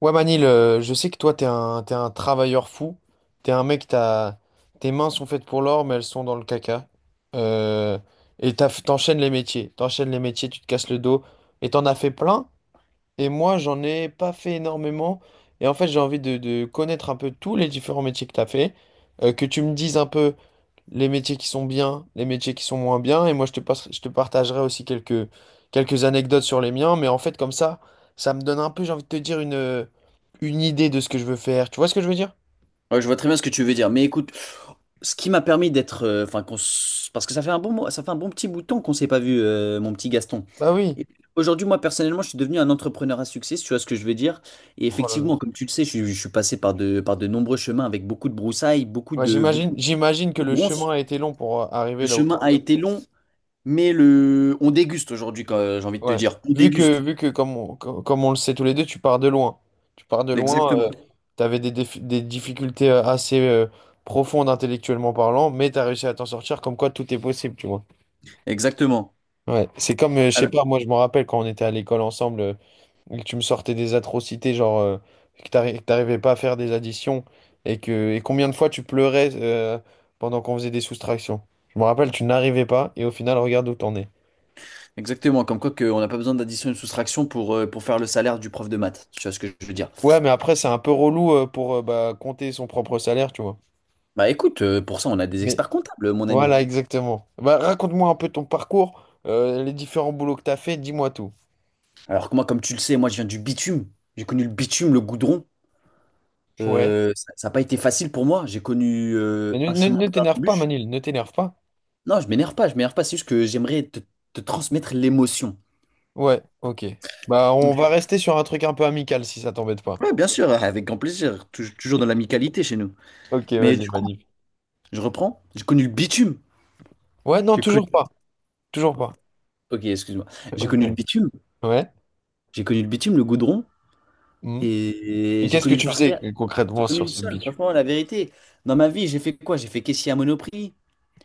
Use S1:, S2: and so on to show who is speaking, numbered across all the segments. S1: Ouais Manil, je sais que toi t'es un travailleur fou, t'es un mec, tes mains sont faites pour l'or mais elles sont dans le caca. Euh, et t'enchaînes les métiers, tu te casses le dos et t'en as fait plein, et moi j'en ai pas fait énormément. Et en fait, j'ai envie de connaître un peu tous les différents métiers que t'as fait, que tu me dises un peu les métiers qui sont bien, les métiers qui sont moins bien. Et moi, je te partagerai aussi quelques anecdotes sur les miens. Mais en fait, comme ça me donne un peu, j'ai envie de te dire, une idée de ce que je veux faire. Tu vois ce que je veux dire?
S2: Ouais, je vois très bien ce que tu veux dire. Mais écoute, ce qui m'a permis d'être, enfin, parce que ça fait un bon, ça fait un bon petit bout de temps qu'on s'est pas vu, mon petit Gaston.
S1: Bah oui.
S2: Et aujourd'hui, moi personnellement, je suis devenu un entrepreneur à succès, si tu vois ce que je veux dire. Et
S1: Oh là là.
S2: effectivement, comme tu le sais, je suis passé par de nombreux chemins avec beaucoup de broussailles, beaucoup
S1: Ouais,
S2: de,
S1: j'imagine,
S2: beaucoup,
S1: j'imagine que
S2: beaucoup de
S1: le
S2: ronces.
S1: chemin a été long pour
S2: Le
S1: arriver là où
S2: chemin
S1: t'en
S2: a été long, mais le, on déguste aujourd'hui, j'ai envie de
S1: es.
S2: te
S1: Ouais.
S2: dire, on
S1: Vu que,
S2: déguste.
S1: vu que comme on le sait tous les deux, tu pars de loin. Tu pars de loin,
S2: Exactement,
S1: tu avais des difficultés assez profondes, intellectuellement parlant, mais tu as réussi à t'en sortir, comme quoi tout est possible, tu vois.
S2: exactement,
S1: Ouais, c'est comme, je sais pas, moi je me rappelle quand on était à l'école ensemble, et que tu me sortais des atrocités, genre que t'arrivais pas à faire des additions, et que et combien de fois tu pleurais pendant qu'on faisait des soustractions. Je me rappelle, tu n'arrivais pas, et au final, regarde où t'en es.
S2: exactement. Comme quoi qu'on n'a pas besoin d'addition et de soustraction pour faire le salaire du prof de maths. Tu vois ce que je veux dire?
S1: Ouais, mais après, c'est un peu relou pour bah, compter son propre salaire, tu vois.
S2: Bah écoute, pour ça, on a des
S1: Mais
S2: experts comptables, mon ami.
S1: voilà, exactement. Bah, raconte-moi un peu ton parcours, les différents boulots que t'as fait, dis-moi tout.
S2: Alors que moi, comme tu le sais, moi, je viens du bitume. J'ai connu le bitume, le goudron.
S1: Ouais.
S2: Ça n'a pas été facile pour moi. J'ai connu
S1: Et ne,
S2: un
S1: ne,
S2: chemin
S1: ne
S2: plein
S1: t'énerve pas,
S2: d'embûches.
S1: Manil, ne t'énerve pas.
S2: Non, je m'énerve pas. C'est juste que j'aimerais te transmettre l'émotion.
S1: Ouais, ok. Bah,
S2: Donc,
S1: on va rester sur un truc un peu amical si ça t'embête pas.
S2: ouais, bien sûr, avec grand plaisir. Toujours dans l'amicalité chez nous.
S1: Ok,
S2: Mais
S1: vas-y,
S2: du coup,
S1: magnifique.
S2: je reprends. J'ai connu le bitume.
S1: Ouais, non,
S2: J'ai connu...
S1: toujours pas. Toujours pas.
S2: Ok, excuse-moi. J'ai
S1: Ok.
S2: connu le bitume.
S1: Ouais.
S2: J'ai connu le bitume, le goudron.
S1: Hmm.
S2: Et
S1: Et
S2: j'ai
S1: qu'est-ce que
S2: connu le
S1: tu faisais,
S2: parterre, j'ai
S1: concrètement,
S2: connu
S1: sur
S2: le
S1: ce
S2: sol,
S1: bitume?
S2: franchement, la vérité. Dans ma vie, j'ai fait quoi? J'ai fait caissier à Monoprix,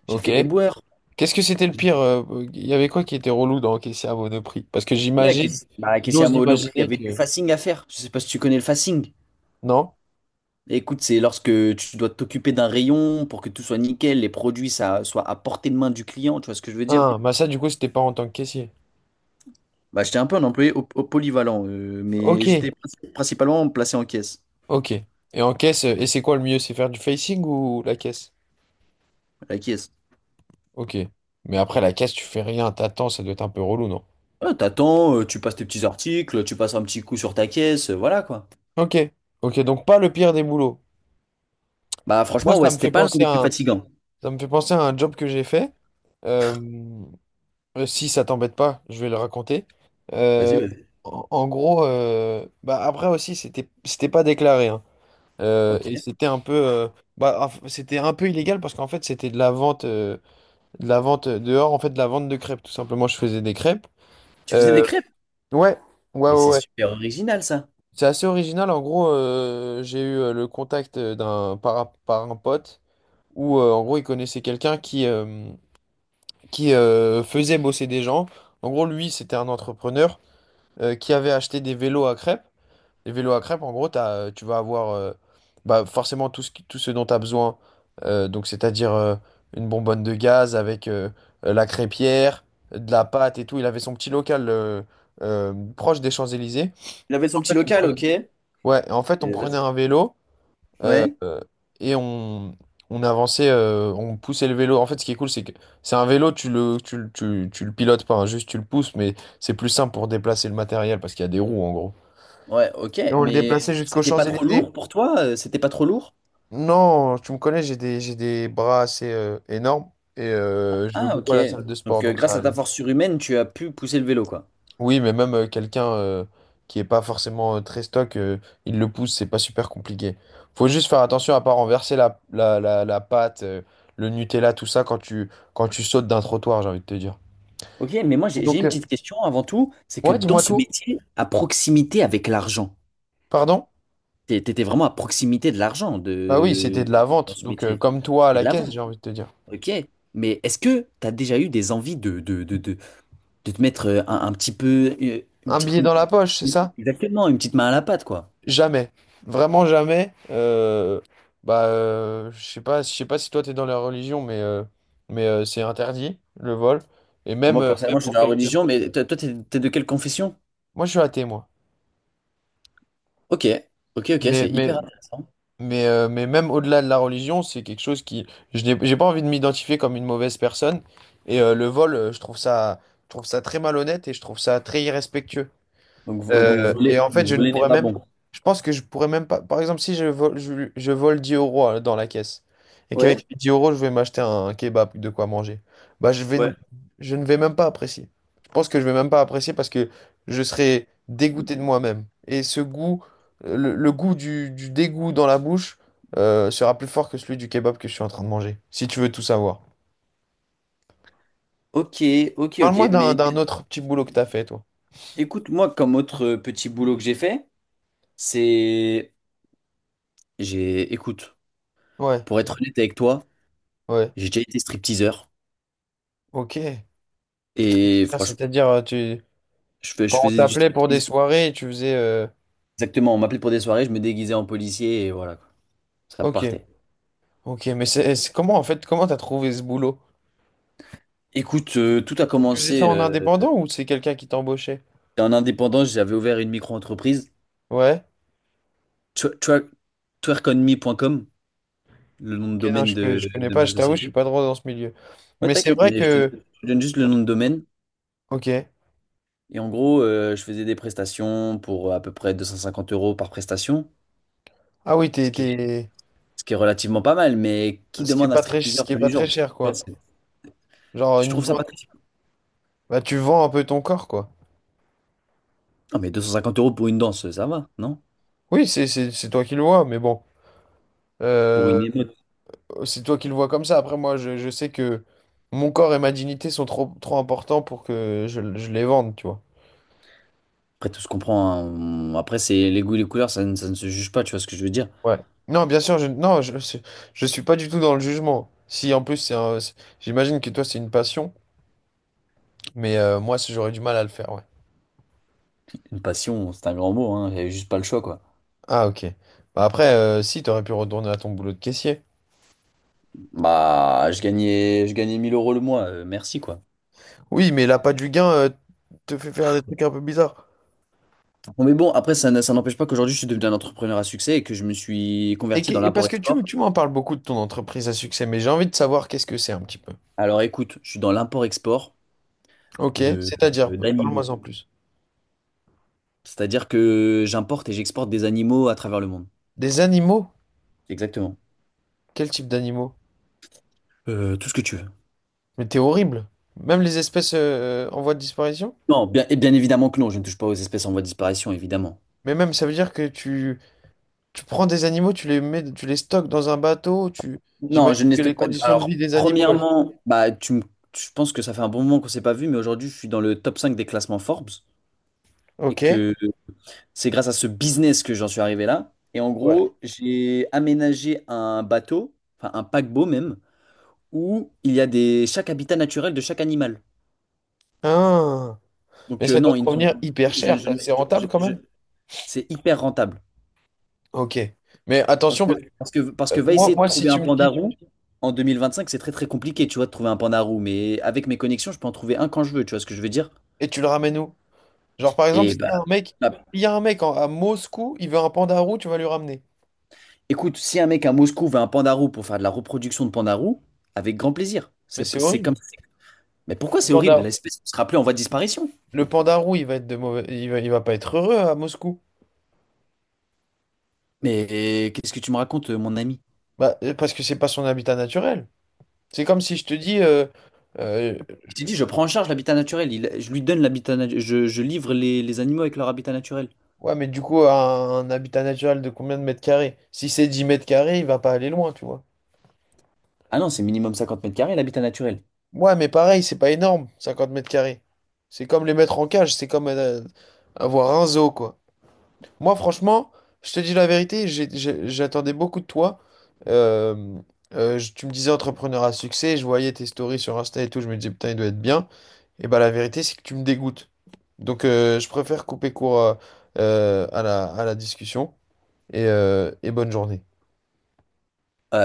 S2: j'ai
S1: Ok.
S2: fait éboueur.
S1: Qu'est-ce que c'était le pire? Il y avait quoi qui était relou dans encaisser à Monoprix? Parce que
S2: Ouais,
S1: j'imagine,
S2: bah, caissier à
S1: j'ose
S2: Monoprix, il y
S1: imaginer
S2: avait du
S1: que.
S2: facing à faire. Je sais pas si tu connais le facing.
S1: Non?
S2: Écoute, c'est lorsque tu dois t'occuper d'un rayon pour que tout soit nickel, les produits ça, soient à portée de main du client, tu vois ce que je veux dire?
S1: Ah, bah ça, du coup, c'était pas en tant que caissier.
S2: Bah, j'étais un peu un employé au polyvalent, mais
S1: Ok,
S2: j'étais principalement placé en caisse,
S1: ok. Et en caisse, et c'est quoi le mieux? C'est faire du facing ou la caisse?
S2: à la caisse.
S1: Ok. Mais après, la caisse, tu fais rien, t'attends, ça doit être un peu relou, non?
S2: Ah, t'attends, tu passes tes petits articles, tu passes un petit coup sur ta caisse, voilà quoi.
S1: Ok, ok, donc pas le pire des boulots.
S2: Bah
S1: Moi,
S2: franchement, ouais,
S1: ça me
S2: c'était
S1: fait
S2: pas l'un
S1: penser
S2: des plus
S1: à un,
S2: fatigants.
S1: ça me fait penser à un job que j'ai fait. Euh, Si ça t'embête pas, je vais le raconter.
S2: Vas-y,
S1: Euh,
S2: vas-y.
S1: en gros, bah, après aussi, c'était pas déclaré, hein.
S2: Ok.
S1: Et c'était un peu, bah, c'était un peu illégal, parce qu'en fait, c'était de la vente dehors, en fait, de la vente de crêpes. Tout simplement, je faisais des crêpes.
S2: Tu faisais des
S1: Euh,
S2: crêpes?
S1: ouais, ouais,
S2: Mais
S1: ouais,
S2: c'est
S1: ouais.
S2: super original, ça.
S1: C'est assez original. En gros, j'ai eu le contact par un pote, où en gros, il connaissait quelqu'un qui faisait bosser des gens. En gros, lui, c'était un entrepreneur qui avait acheté des vélos à crêpes. Les vélos à crêpes, en gros, tu vas avoir bah, forcément, tout ce dont tu as besoin. Donc, c'est-à-dire, une bonbonne de gaz avec la crêpière, de la pâte et tout. Il avait son petit local proche des Champs-Élysées.
S2: Il avait son petit
S1: On
S2: local,
S1: prenait-
S2: ok. Et
S1: Ouais, en fait, on
S2: là, c'est-
S1: prenait un vélo. Euh,
S2: ouais.
S1: euh, et on avançait, on poussait le vélo. En fait, ce qui est cool, c'est que c'est un vélo, tu le pilotes pas, hein, juste tu le pousses, mais c'est plus simple pour déplacer le matériel, parce qu'il y a des roues, en gros.
S2: Ouais, ok.
S1: Et on le
S2: Mais
S1: déplaçait jusqu'aux
S2: c'était pas trop lourd
S1: Champs-Élysées.
S2: pour toi? C'était pas trop lourd?
S1: Non, tu me connais, j'ai des bras assez énormes, et je vais
S2: Ah,
S1: beaucoup
S2: ok.
S1: à la salle de sport,
S2: Donc,
S1: donc ça
S2: grâce à ta
S1: allait.
S2: force surhumaine, tu as pu pousser le vélo, quoi.
S1: Oui, mais même, quelqu'un qui est pas forcément très stock, il le pousse, c'est pas super compliqué. Faut juste faire attention à pas renverser la pâte, le Nutella, tout ça quand tu, sautes d'un trottoir, j'ai envie de te dire.
S2: Ok, mais moi,
S1: Et
S2: j'ai
S1: donc,
S2: une petite question avant tout. C'est que
S1: ouais,
S2: dans
S1: dis-moi
S2: ce
S1: tout.
S2: métier, à proximité avec l'argent,
S1: Pardon?
S2: t'étais vraiment à proximité de l'argent
S1: Bah oui, c'était
S2: de...
S1: de la
S2: dans
S1: vente.
S2: ce
S1: Donc,
S2: métier.
S1: comme toi à
S2: C'était de
S1: la
S2: la
S1: caisse,
S2: vente.
S1: j'ai envie de te dire.
S2: Ok. Mais est-ce que tu as déjà eu des envies de te mettre un petit peu, une
S1: Un
S2: petite-
S1: billet dans la poche, c'est
S2: une-
S1: ça?
S2: exactement, une petite main à la pâte, quoi.
S1: Jamais. Vraiment jamais. Bah, je sais pas si toi t'es dans la religion, mais c'est interdit, le vol. Et
S2: Bon,
S1: même,
S2: moi,
S1: euh, même
S2: personnellement, je suis
S1: pour
S2: dans la
S1: quelqu'un.
S2: religion, mais toi, t'es de quelle confession?
S1: Moi, je suis athée, moi.
S2: Ok, ok, ok,
S1: Mais,
S2: c'est
S1: mais,
S2: hyper intéressant.
S1: mais même au-delà de la religion, c'est quelque chose qui… Je n'ai, j'ai pas envie de m'identifier comme une mauvaise personne. Et le vol, je trouve ça très malhonnête, et je trouve ça très irrespectueux.
S2: Donc,
S1: Euh, et en fait,
S2: donc
S1: je ne
S2: voler n'est
S1: pourrais
S2: pas
S1: même.
S2: bon.
S1: Je pense que je pourrais même pas. Par exemple, si je vole, je vole 10 euros dans la caisse, et qu'avec
S2: Ouais,
S1: les 10 euros, je vais m'acheter un kebab, de quoi manger, bah,
S2: ouais.
S1: je ne vais même pas apprécier. Je pense que je vais même pas apprécier, parce que je serai dégoûté de moi-même. Et ce goût, le goût du dégoût dans la bouche, sera plus fort que celui du kebab que je suis en train de manger, si tu veux tout savoir.
S2: Ok, ok, ok.
S1: Parle-moi d'un,
S2: Mais
S1: d'un autre petit boulot que t'as fait, toi.
S2: écoute, moi, comme autre petit boulot que j'ai fait, c'est, j'ai, écoute,
S1: Ouais,
S2: pour être honnête avec toi,
S1: ouais,
S2: j'ai déjà été stripteaseur
S1: ok.
S2: et
S1: Ah,
S2: franchement,
S1: c'est-à-dire,
S2: je
S1: quand on
S2: faisais du
S1: t'appelait pour des
S2: striptease.
S1: soirées, tu faisais
S2: Exactement, on m'appelait pour des soirées, je me déguisais en policier et voilà, quoi. Ça
S1: Ok,
S2: partait.
S1: ok, mais comment, en fait, comment t'as trouvé ce boulot?
S2: Écoute, tout a
S1: Tu faisais ça
S2: commencé
S1: en indépendant ou c'est quelqu'un qui t'embauchait?
S2: en indépendance. J'avais ouvert une micro-entreprise,
S1: Ouais,
S2: twer- twer- twerkonme.com, le nom de
S1: ok, non,
S2: domaine
S1: je, je connais
S2: de
S1: pas,
S2: ma
S1: je t'avoue, je suis
S2: société.
S1: pas trop dans ce milieu.
S2: Ouais,
S1: Mais c'est
S2: t'inquiète,
S1: vrai
S2: mais
S1: que,
S2: je te donne juste le nom de domaine.
S1: ok,
S2: Et en gros, je faisais des prestations pour à peu près 250 € par prestation,
S1: ah oui,
S2: ce qui est, ce qui est relativement pas mal. Mais qui
S1: ce qui est
S2: demande un
S1: pas très, ce
S2: stripteaseur
S1: qui est
S2: tous les
S1: pas très
S2: jours?
S1: cher,
S2: Vois,
S1: quoi.
S2: c'est-
S1: Genre,
S2: tu
S1: une...
S2: trouves ça pas très...
S1: vente- Bah, tu vends un peu ton corps, quoi.
S2: Non, mais 250 € pour une danse, ça va, non?
S1: Oui, c'est toi qui le vois, mais bon,
S2: Pour
S1: Euh,
S2: une émeute.
S1: c'est toi qui le vois comme ça. Après, moi, je sais que mon corps et ma dignité sont trop, trop importants pour que je les vende, tu vois.
S2: Après, tout se comprend, hein. Après, c'est les goûts et les couleurs, ça ne se juge pas, tu vois ce que je veux dire?
S1: Ouais. Non, bien sûr, je non, je suis pas du tout dans le jugement. Si en plus j'imagine que toi c'est une passion, mais moi si j'aurais du mal à le faire, ouais.
S2: Une passion, c'est un grand mot, hein. J'avais juste pas le choix, quoi.
S1: Ah ok. Bah après, si t'aurais pu retourner à ton boulot de caissier.
S2: Bah, je gagnais 1 000 € le mois, merci, quoi.
S1: Oui, mais l'appât du gain te fait faire des trucs un peu bizarres.
S2: Bon, mais bon, après, ça n'empêche pas qu'aujourd'hui, je suis devenu un entrepreneur à succès et que je me suis
S1: Et,
S2: converti
S1: que-
S2: dans
S1: et parce que tu,
S2: l'import-export.
S1: tu m'en parles beaucoup de ton entreprise à succès, mais j'ai envie de savoir qu'est-ce que c'est un petit peu.
S2: Alors, écoute, je suis dans l'import-export
S1: Ok,
S2: de,
S1: c'est-à-dire, parle-moi
S2: d'animaux.
S1: en plus.
S2: C'est-à-dire que j'importe et j'exporte des animaux à travers le monde.
S1: Des animaux?
S2: Exactement.
S1: Quel type d'animaux?
S2: Tout ce que tu veux.
S1: Mais t'es horrible. Même les espèces, en voie de disparition?
S2: Non, bien, et bien évidemment que non, je ne touche pas aux espèces en voie de disparition, évidemment.
S1: Mais même, ça veut dire que tu… Tu prends des animaux, tu les mets, tu les stockes dans un bateau, tu…
S2: Non,
S1: J'imagine
S2: je ne les
S1: que les
S2: stocke pas.
S1: conditions de vie
S2: Alors,
S1: des animaux.
S2: premièrement, bah, je pense que ça fait un bon moment qu'on s'est pas vu, mais aujourd'hui, je suis dans le top 5 des classements Forbes et
S1: Ok.
S2: que c'est grâce à ce business que j'en suis arrivé là. Et en
S1: Ouais.
S2: gros, j'ai aménagé un bateau, enfin un paquebot même, où il y a des chaque habitat naturel de chaque animal.
S1: Ah. Mais
S2: Donc,
S1: ça doit
S2: non,
S1: te
S2: ils ne sont.
S1: revenir hyper
S2: je- je-
S1: cher, ça. C'est
S2: je- je-
S1: rentable quand
S2: je-
S1: même.
S2: c'est hyper rentable.
S1: Ok. Mais attention, parce que,
S2: Parce que va essayer de
S1: si
S2: trouver
S1: tu
S2: un
S1: me
S2: panda
S1: dis,
S2: roux en 2025 c'est très très compliqué, tu vois, de trouver un panda roux. Mais avec mes connexions, je peux en trouver un quand je veux, tu vois ce que je veux dire?
S1: et tu le ramènes où? Genre, par exemple,
S2: Et
S1: s'il
S2: bah,
S1: y a un mec,
S2: bah,
S1: il y a un mec à Moscou, il veut un panda roux, tu vas lui ramener.
S2: écoute, si un mec à Moscou veut un panda roux pour faire de la reproduction de panda roux, avec grand plaisir.
S1: Mais c'est
S2: C'est comme
S1: horrible.
S2: ça. Mais pourquoi
S1: Le
S2: c'est horrible?
S1: panda,
S2: L'espèce sera plus en voie de disparition.
S1: le panda roux, il va être de mauvais, il va pas être heureux à Moscou.
S2: Mais eh, qu'est-ce que tu me racontes, mon ami?
S1: Bah, parce que c'est pas son habitat naturel. C'est comme si je te dis, euh,
S2: Je t'ai dit, je prends en charge l'habitat naturel. Je lui donne l'habitat, je livre les animaux avec leur habitat naturel.
S1: Ouais, mais du coup, un habitat naturel de combien de mètres carrés? Si c'est 10 mètres carrés, il va pas aller loin, tu vois.
S2: Ah non, c'est minimum 50 m² l'habitat naturel.
S1: Ouais, mais pareil, c'est pas énorme, 50 mètres carrés. C'est comme les mettre en cage, c'est comme avoir un zoo, quoi. Moi, franchement, je te dis la vérité, j'attendais beaucoup de toi. Euh, Tu me disais entrepreneur à succès, je voyais tes stories sur Insta et tout, je me disais, putain, il doit être bien. Et bah, la vérité, c'est que tu me dégoûtes. Donc, je préfère couper court, à la discussion. Et bonne journée.
S2: Euh,